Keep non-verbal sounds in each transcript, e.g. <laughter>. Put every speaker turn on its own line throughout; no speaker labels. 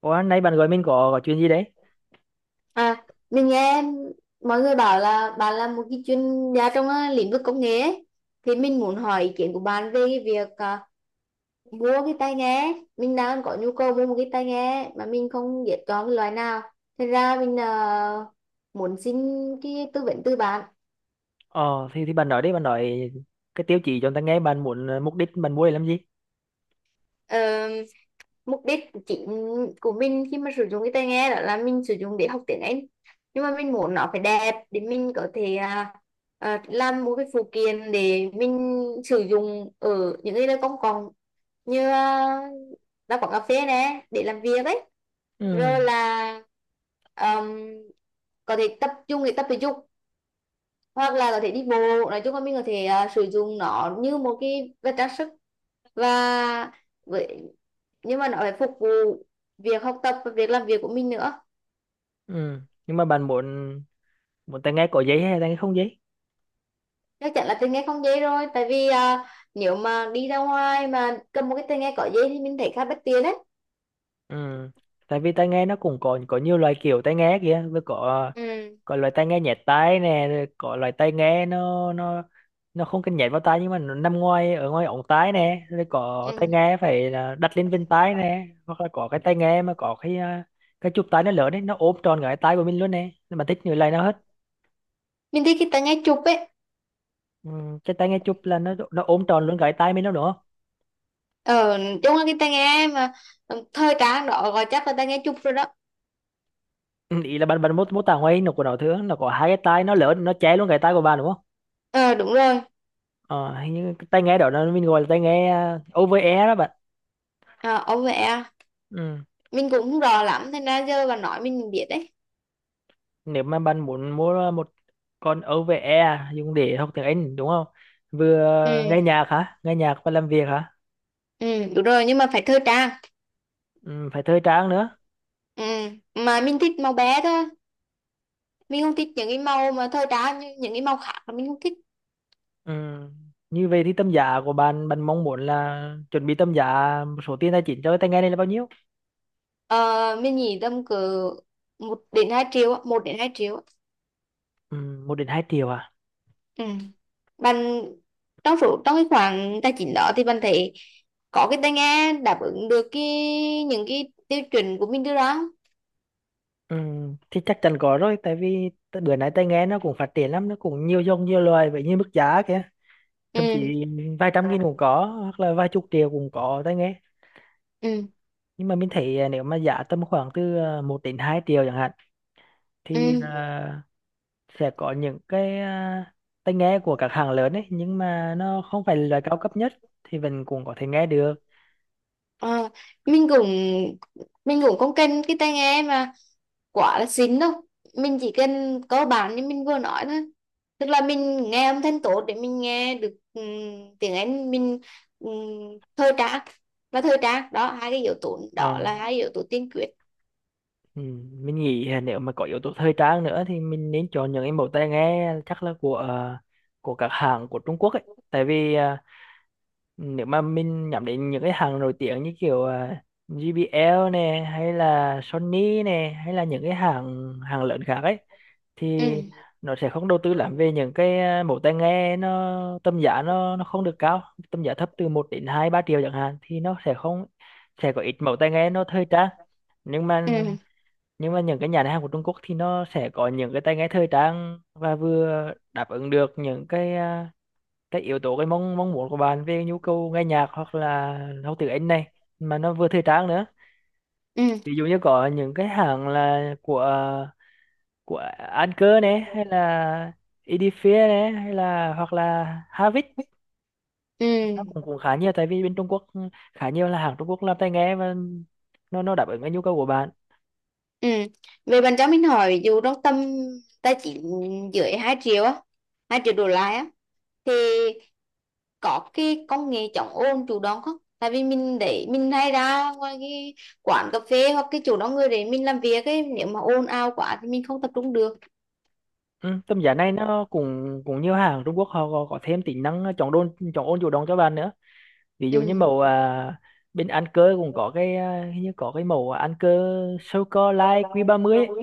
Ủa, nãy bạn gọi mình có chuyện gì đấy?
À, mình nghe mọi người bảo là bạn là một cái chuyên gia trong lĩnh vực công nghệ ấy. Thì mình muốn hỏi ý kiến của bạn về cái việc mua cái tai nghe. Mình đang có nhu cầu mua một cái tai nghe mà mình không biết chọn cái loại nào. Thế ra mình muốn xin cái tư vấn từ
Thì bạn nói đi, bạn nói cái tiêu chí cho người ta nghe, bạn muốn mục đích bạn mua để làm gì?
bạn. Mục đích chính của mình khi mà sử dụng cái tai nghe đó là mình sử dụng để học tiếng Anh, nhưng mà mình muốn nó phải đẹp để mình có thể làm một cái phụ kiện để mình sử dụng ở những cái nơi công cộng như là quán cà phê nè để làm việc ấy,
Ừ,
rồi là um, có thể tập trung để tập thể dục hoặc là có thể đi bộ. Nói chung là mình có thể sử dụng nó như một cái vật trang sức, và với nhưng mà nó phải phục vụ việc học tập và việc làm việc của mình nữa.
ừ. Nhưng mà bạn muốn muốn tai nghe có giấy hay tai nghe không giấy?
Chắc chắn là tai nghe không dễ rồi, tại vì nếu mà đi ra ngoài mà cầm một cái tai nghe có dây thì mình thấy khá bất tiện đấy.
Ừ. Tại vì tai nghe nó cũng có nhiều loại kiểu tai nghe kìa, vừa có
Ừ.
có loại tai nghe nhẹ tai nè, rồi có loại tai nghe nó không cần nhét vào tai nhưng mà nó nằm ngoài ở ngoài ống tai nè, rồi có tai
Ừ.
nghe phải là đặt lên bên tai nè, hoặc là có cái tai nghe mà có cái chụp tai nó lớn đấy, nó ôm tròn cái tai của mình luôn nè. Nhưng mà thích như này nó hết.
Mình thích cái tai nghe chụp ấy.
Ừ, cái tai nghe chụp là nó ôm tròn luôn cái tai mình đó đúng không?
ờ Chung là cái tai nghe mà thời trang đó, gọi chắc là tai nghe chụp rồi đó.
Ừ, ý là bạn bạn mô mô tả ngoài nó của nó thường nó có hai cái tai nó lớn nó che luôn cái tai của bạn đúng không?
Ờ, đúng rồi.
Ờ, hình như cái tai nghe đó nó mình gọi là tai nghe over ear đó bạn.
Ờ ông mẹ,
Ừ,
mình cũng không rõ lắm nên ra giờ bà nói mình biết đấy.
nếu mà bạn muốn mua một con OVE dùng để học tiếng Anh đúng không, vừa
Ừ.
nghe nhạc hả, nghe nhạc và làm việc hả?
Ừ, đúng rồi, nhưng mà phải thời trang.
Ừ, phải thời trang nữa.
Ừ. Mà mình thích màu bé thôi, mình không thích những cái màu mà thời trang như những cái màu khác là mình không thích.
Ừ. Như vậy thì tầm giá của bạn bạn mong muốn là chuẩn bị tầm giá, một số tiền tài chính cho cái tai nghe này là bao nhiêu?
ờ, mình nghĩ tầm cỡ 1 đến 2 triệu á, 1 đến 2 triệu á.
Ừ, 1 đến 2 triệu à?
Ừ. Bạn, trong cái khoảng tài chính đó thì bạn thấy có cái tai nghe đáp ứng được những cái tiêu chuẩn của mình đưa ra không?
Ừ, thì chắc chắn có rồi, tại vì bữa nay tai nghe nó cũng phát triển lắm, nó cũng nhiều dòng nhiều loài vậy như mức giá kìa. Thậm
Ừ.
chí vài trăm nghìn cũng có, hoặc là vài chục triệu cũng có tai nghe.
Ừ.
Nhưng mà mình thấy nếu mà giá tầm khoảng từ 1 đến 2 triệu chẳng hạn,
Ừ.
thì sẽ có những tai nghe của các hãng lớn ấy, nhưng mà nó không phải là loại cao cấp nhất, thì mình cũng có thể nghe được.
Ờ, mình cũng mình cũng không cần cái tai nghe mà quá là xịn đâu, mình chỉ cần cơ bản như mình vừa nói thôi. Tức là mình nghe âm thanh tốt để mình nghe được tiếng Anh, mình um, thời trang, và thời trang đó, hai cái yếu tố đó
Ờ,
là hai yếu tố tiên quyết.
ừ, mình nghĩ nếu mà có yếu tố thời trang nữa thì mình nên chọn những cái mẫu tai nghe, chắc là của các hãng của Trung Quốc ấy, tại vì nếu mà mình nhắm đến những cái hàng nổi tiếng như kiểu JBL nè, hay là Sony nè, hay là những cái hàng hàng lớn khác ấy, thì
Ừ.
nó sẽ không đầu tư lắm về những mẫu tai nghe, nó tầm giá nó không được cao. Tầm giá thấp từ 1 đến 2-3 triệu chẳng hạn thì nó sẽ không, sẽ có ít mẫu tai nghe nó thời trang. nhưng mà
Ừ.
nhưng mà những cái nhà hàng của Trung Quốc thì nó sẽ có những cái tai nghe thời trang, và vừa đáp ứng được những cái yếu tố cái mong mong muốn của bạn về nhu cầu nghe nhạc hoặc là học tiếng Anh này, mà nó vừa thời trang nữa.
Ừ.
Ví dụ như có những cái hãng là của Anker này, hay là Edifier này, hay là hoặc là Havik, nó cũng
Ừ.
cũng khá nhiều, tại vì bên Trung Quốc khá nhiều là hàng Trung Quốc làm tai nghe, và nó đáp ứng cái nhu cầu của bạn.
Ừ. Về bạn cho mình hỏi, ví dụ trong tầm tài chính dưới 2 triệu á, 2 triệu đổ lại á, thì có cái công nghệ chống ồn chủ động không? Tại vì mình để mình hay ra ngoài cái quán cà phê hoặc cái chỗ đông người để mình làm việc ấy, nếu mà ồn ào quá thì mình không tập trung được.
Ừ, tầm giá này nó cũng cũng nhiều hàng Trung Quốc họ có thêm tính năng chọn đôn chọn ôn chủ động cho bạn nữa. Ví
Ừ.
dụ như màu bên ăn cơ cũng có hình như có cái màu ăn cơ sô cô la Q30 ấy.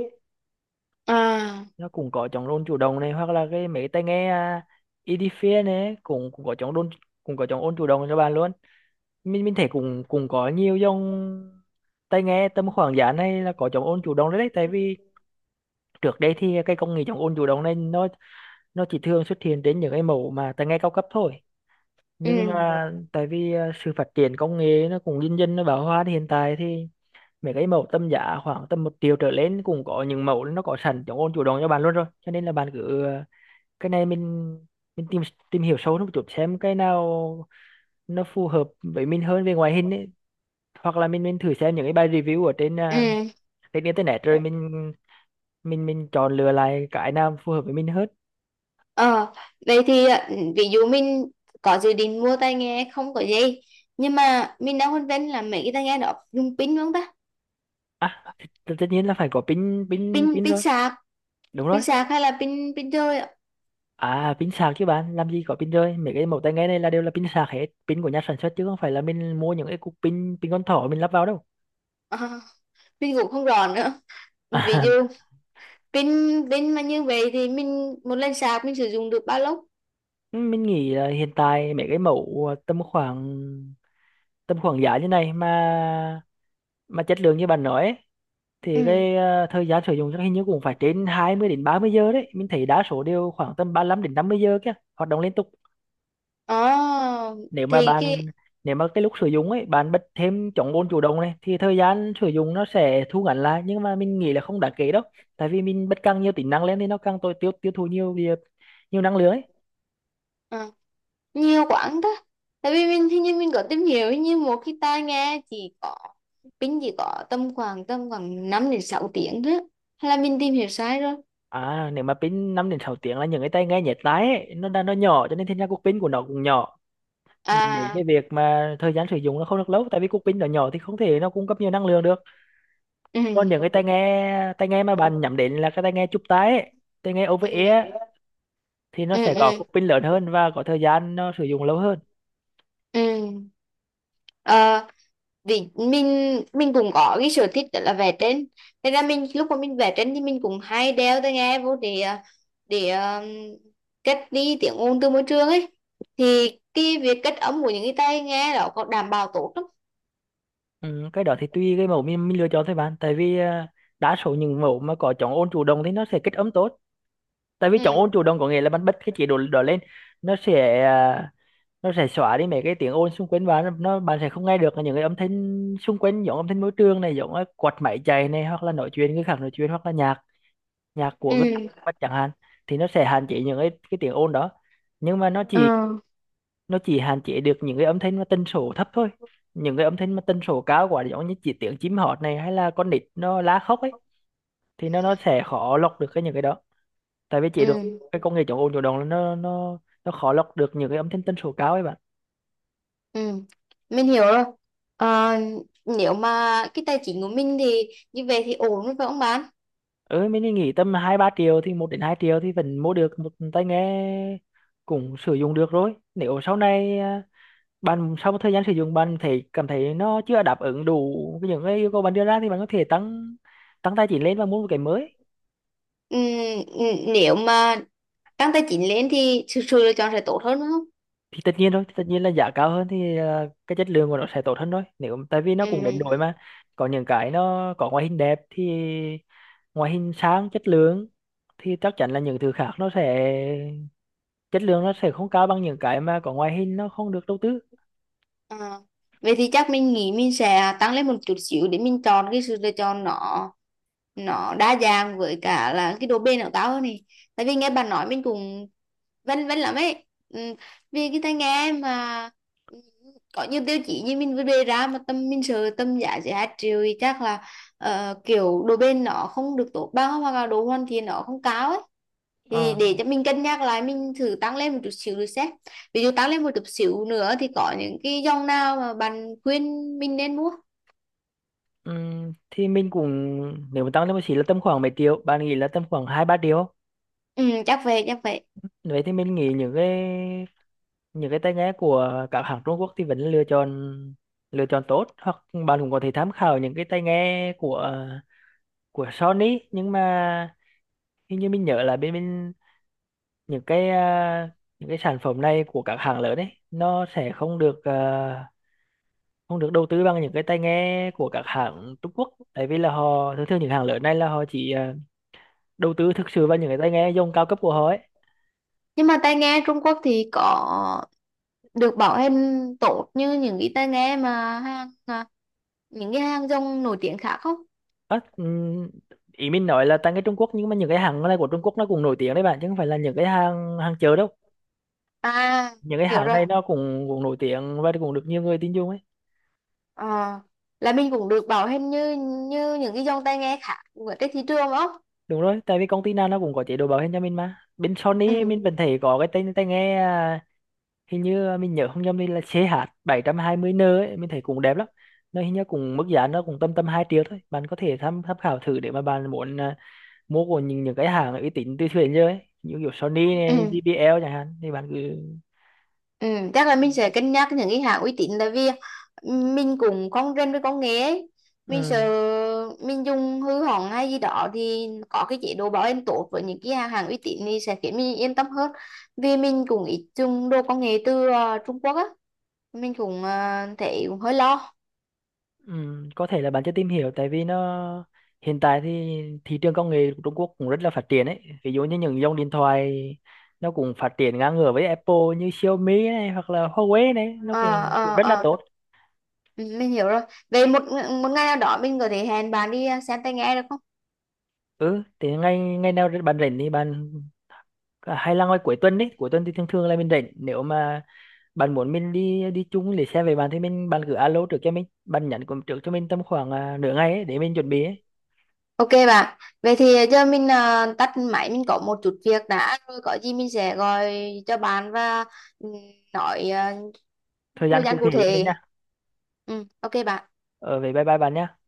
À.
Nó cũng có chống ôn chủ động này, hoặc là cái mấy tai nghe Edifier này cũng cũng có chống ôn, cũng có chống ôn chủ động cho bạn luôn. Mình thấy cũng cũng có nhiều dòng tai nghe tầm khoảng giá này là có chống ôn chủ động đấy, đấy tại vì trước đây thì cái công nghệ chống ôn chủ động này nó chỉ thường xuất hiện đến những cái mẫu mà tai nghe cao cấp thôi,
Ừ.
nhưng mà tại vì sự phát triển công nghệ nó cũng dần dần nó bão hòa, thì hiện tại thì mấy cái mẫu tầm giá khoảng tầm 1 triệu trở lên cũng có những mẫu nó có sẵn chống ôn chủ động cho bạn luôn rồi, cho nên là bạn cứ cái này mình tìm tìm hiểu sâu hơn một chút xem cái nào nó phù hợp với mình hơn về ngoại hình ấy, hoặc là mình thử xem những cái bài review ở trên
Ừ.
trên internet rồi mình chọn lựa lại cái nào phù hợp với mình hơn.
Ờ, vậy thì ví dụ mình có dự định mua tai nghe không có dây, nhưng mà mình đang phân vân là mấy cái tai nghe đó dùng pin không ta.
À, tất tất nhiên là phải có pin,
Pin
pin
pin
rồi.
sạc.
Đúng rồi.
Pin sạc hay là pin pin chơi ạ?
À, pin sạc chứ, bạn làm gì có pin rơi, mấy cái mẫu tai nghe này là đều là pin sạc hết, pin của nhà sản xuất chứ không phải là mình mua những cái cục pin pin con thỏ mình lắp vào đâu.
À, mình cũng không rõ nữa. Ví
à,
dụ pin pin mà như vậy thì mình một lần sạc mình sử dụng được bao lâu?
<laughs> mình nghĩ là hiện tại mấy cái mẫu tầm khoảng, tầm khoảng giá như này mà chất lượng như bạn nói ấy, thì
Ừ.
thời gian sử dụng chắc hình như cũng phải trên 20 đến 30 giờ đấy, mình thấy đa số đều khoảng tầm 35 đến 50 giờ kia, hoạt động liên tục.
ờ
Nếu mà
thì
bạn,
cái
nếu mà cái lúc sử dụng ấy bạn bật thêm chống bồn chủ động này thì thời gian sử dụng nó sẽ thu ngắn lại, nhưng mà mình nghĩ là không đáng kể đâu, tại vì mình bật càng nhiều tính năng lên thì nó càng tối tiêu tiêu thụ nhiều nhiều nhiều năng lượng ấy.
ờ, nhiều quãng đó. Tại vì mình hình như mình có tìm hiểu, hình như một cái tai nghe chỉ có pin, chỉ có tầm khoảng 5 đến 6 tiếng đó, hay là mình tìm hiểu sai rồi?
À, nếu mà pin 5 đến 6 tiếng là những cái tai nghe nhét tai ấy, nó nó nhỏ cho nên thành ra cục pin của nó cũng nhỏ, dẫn đến
À.
cái việc mà thời gian sử dụng nó không được lâu, tại vì cục pin nó nhỏ thì không thể nó cung cấp nhiều năng lượng được.
Ừ.
Còn những cái tai nghe mà bạn nhắm đến là cái tai nghe chụp tai ấy, tai nghe over
Ừ.
ear, thì nó
Ừ.
sẽ có
Ừ.
cục pin lớn hơn và có thời gian nó sử dụng lâu hơn.
Ừ. Ờ, vì mình cũng có cái sở thích đó là vẽ tranh. Thế ra mình lúc mà mình vẽ tranh thì mình cũng hay đeo tai nghe vô để để cách đi tiếng ồn từ môi trường ấy, thì cái việc cách âm của những cái tai nghe đó có đảm bảo tốt lắm?
Ừ, cái đó thì tùy cái mẫu mình lựa chọn thôi bạn, tại vì đa số những mẫu mà có chống ôn chủ động thì nó sẽ kết ấm tốt, tại vì chống
Ừ.
ôn chủ động có nghĩa là bạn bật cái chế độ đó lên, nó sẽ nó sẽ xóa đi mấy cái tiếng ồn xung quanh bạn, nó bạn sẽ không nghe được những cái âm thanh xung quanh, giống âm thanh môi trường này, giống cái quạt máy chạy này, hoặc là nói chuyện, người khác nói chuyện, hoặc là nhạc, nhạc của người
Ừ.
khác chẳng hạn, thì nó sẽ hạn chế những cái tiếng ồn đó. Nhưng mà nó
Ờ.
chỉ, nó chỉ hạn chế được những cái âm thanh mà tần số thấp thôi. Những cái âm thanh mà tần số cao quá giống như chỉ tiếng chim hót này, hay là con nít nó la khóc ấy, thì nó sẽ khó lọc được cái những cái đó, tại vì chế được
Ừ.
cái công nghệ chống ồn chủ động là nó khó lọc được những cái âm thanh tần số cao ấy bạn.
Ừ, mình hiểu rồi. Ờ, nếu mà cái tài chính của mình thì như vậy thì ổn rồi phải không bạn?
Ừ, mình đi nghỉ tầm 2-3 triệu, thì 1 đến 2 triệu thì vẫn mua được một tai nghe cũng sử dụng được rồi, nếu sau này bạn sau một thời gian sử dụng bạn thấy cảm thấy nó chưa đáp ứng đủ cái những cái yêu cầu bạn đưa ra, thì bạn có thể tăng, tăng tài chính lên và mua một cái mới.
Ừ. Ừ, nếu mà tăng tài chính lên thì sự lựa chọn sẽ tốt hơn đúng không?
Thì tất nhiên rồi, tất nhiên là giá cao hơn thì cái chất lượng của nó sẽ tốt hơn thôi, nếu tại vì nó
Ừ.
cũng đến đổi mà. Có những cái nó có ngoại hình đẹp thì, ngoại hình sáng chất lượng thì chắc chắn là những thứ khác nó sẽ, chất lượng nó sẽ không cao bằng những cái mà có ngoại hình nó không được đầu tư.
À, vậy thì chắc mình nghĩ mình sẽ tăng lên một chút xíu để mình chọn cái sự lựa chọn, nó đa dạng với cả là cái độ bền của tao hơn này. Tại vì nghe bà nói mình cũng vân vân lắm ấy. Ừ, vì cái tai nghe mà ừ, có nhiều tiêu chí như mình vừa đề ra mà tâm mình sợ tâm giá chỉ 2 triệu thì chắc là kiểu độ bền nó không được tốt bằng hoặc là độ hoàn thiện nó không cao ấy. Thì
Ờ,
để cho mình cân nhắc lại, mình thử tăng lên một chút xíu rồi xem. Ví dụ tăng lên một chút xíu nữa thì có những cái dòng nào mà bạn khuyên mình nên mua?
thì mình cũng, nếu mà tăng lên một xí là tầm khoảng mấy triệu bạn nghĩ là tầm khoảng 2-3 triệu,
Ừ, chắc vậy chắc vậy.
vậy thì mình nghĩ những cái tai nghe của các hãng Trung Quốc thì vẫn lựa chọn, lựa chọn tốt, hoặc bạn cũng có thể tham khảo những cái tai nghe của Sony, nhưng mà hình như mình nhớ là bên bên những những cái sản phẩm này của các hãng lớn ấy nó sẽ không được không được đầu tư bằng những cái tai nghe của các hãng Trung Quốc, tại vì là họ thường thường những hãng lớn này là họ chỉ đầu tư thực sự vào những cái tai nghe dòng cao cấp của họ ấy.
Nhưng mà tai nghe Trung Quốc thì có được bảo hành tốt như những cái tai nghe mà hàng những cái hàng dòng nổi tiếng khác không?
Á, ý mình nói là tại cái Trung Quốc, nhưng mà những cái hàng này của Trung Quốc nó cũng nổi tiếng đấy bạn, chứ không phải là những cái hàng hàng chợ đâu.
À,
Những cái
hiểu
hàng
rồi.
này nó cũng cũng nổi tiếng và cũng được nhiều người tin dùng ấy.
Ờ, là mình cũng được bảo hành như như những cái dòng tai nghe khác ở trên thị trường đúng không?
Đúng rồi, tại vì công ty nào nó cũng có chế độ bảo hiểm cho mình mà. Bên
Ừ.
Sony mình vẫn thấy có cái tai tai nghe hình như mình nhớ không nhầm thì là xê hát bảy CH 720N ấy, mình thấy cũng đẹp lắm. Nó hình như cũng mức giá nó cũng tầm tầm 2 triệu thôi, bạn có thể tham tham khảo thử, để mà bạn muốn mua của những cái hàng uy tín từ xưa đến giờ ấy, như kiểu Sony
Ừ.
này, JBL chẳng hạn, thì bạn cứ.
Ừ, chắc là mình sẽ cân nhắc những cái hãng uy tín, tại vì ừ, mình cũng không rành với công nghệ ấy. Mình sợ
Ừ,
mình dùng hư hỏng hay gì đó, thì có cái chế độ bảo hành tốt với những cái hàng hàng uy tín thì sẽ khiến mình yên tâm hơn. Vì mình cũng ít dùng đồ công nghệ từ Trung Quốc á, mình cũng thấy cũng hơi lo.
ừ, có thể là bạn chưa tìm hiểu tại vì nó, hiện tại thì thị trường công nghệ của Trung Quốc cũng rất là phát triển ấy, ví dụ như những dòng điện thoại nó cũng phát triển ngang ngửa với Apple, như Xiaomi này, hoặc là Huawei này, nó
Ờ.
cũng cũng
Ờ.
rất là
Ờ.
tốt.
Ừ, mình hiểu rồi. Về một một ngày nào đó mình có thể hẹn bạn đi xem tai nghe được không?
Ừ, thì ngày, ngày nào bạn rảnh thì bạn hay là ngoài cuối tuần đấy, cuối tuần thì thường thường là mình rảnh, nếu mà bạn muốn mình đi, đi chung để xe về bạn thì mình, bạn cứ alo trước cho mình, bạn nhắn cũng trước cho mình tầm khoảng nửa ngày ấy, để mình chuẩn bị ấy.
Ok bạn, vậy thì giờ mình tắt máy, mình có một chút việc đã, rồi có gì mình sẽ gọi cho bạn và ừ, nói
Thời gian
thời
cụ
gian
thể
cụ
cho mình
thể.
nha.
Ừ, ok bạn.
Ờ vậy bye bye bạn nha.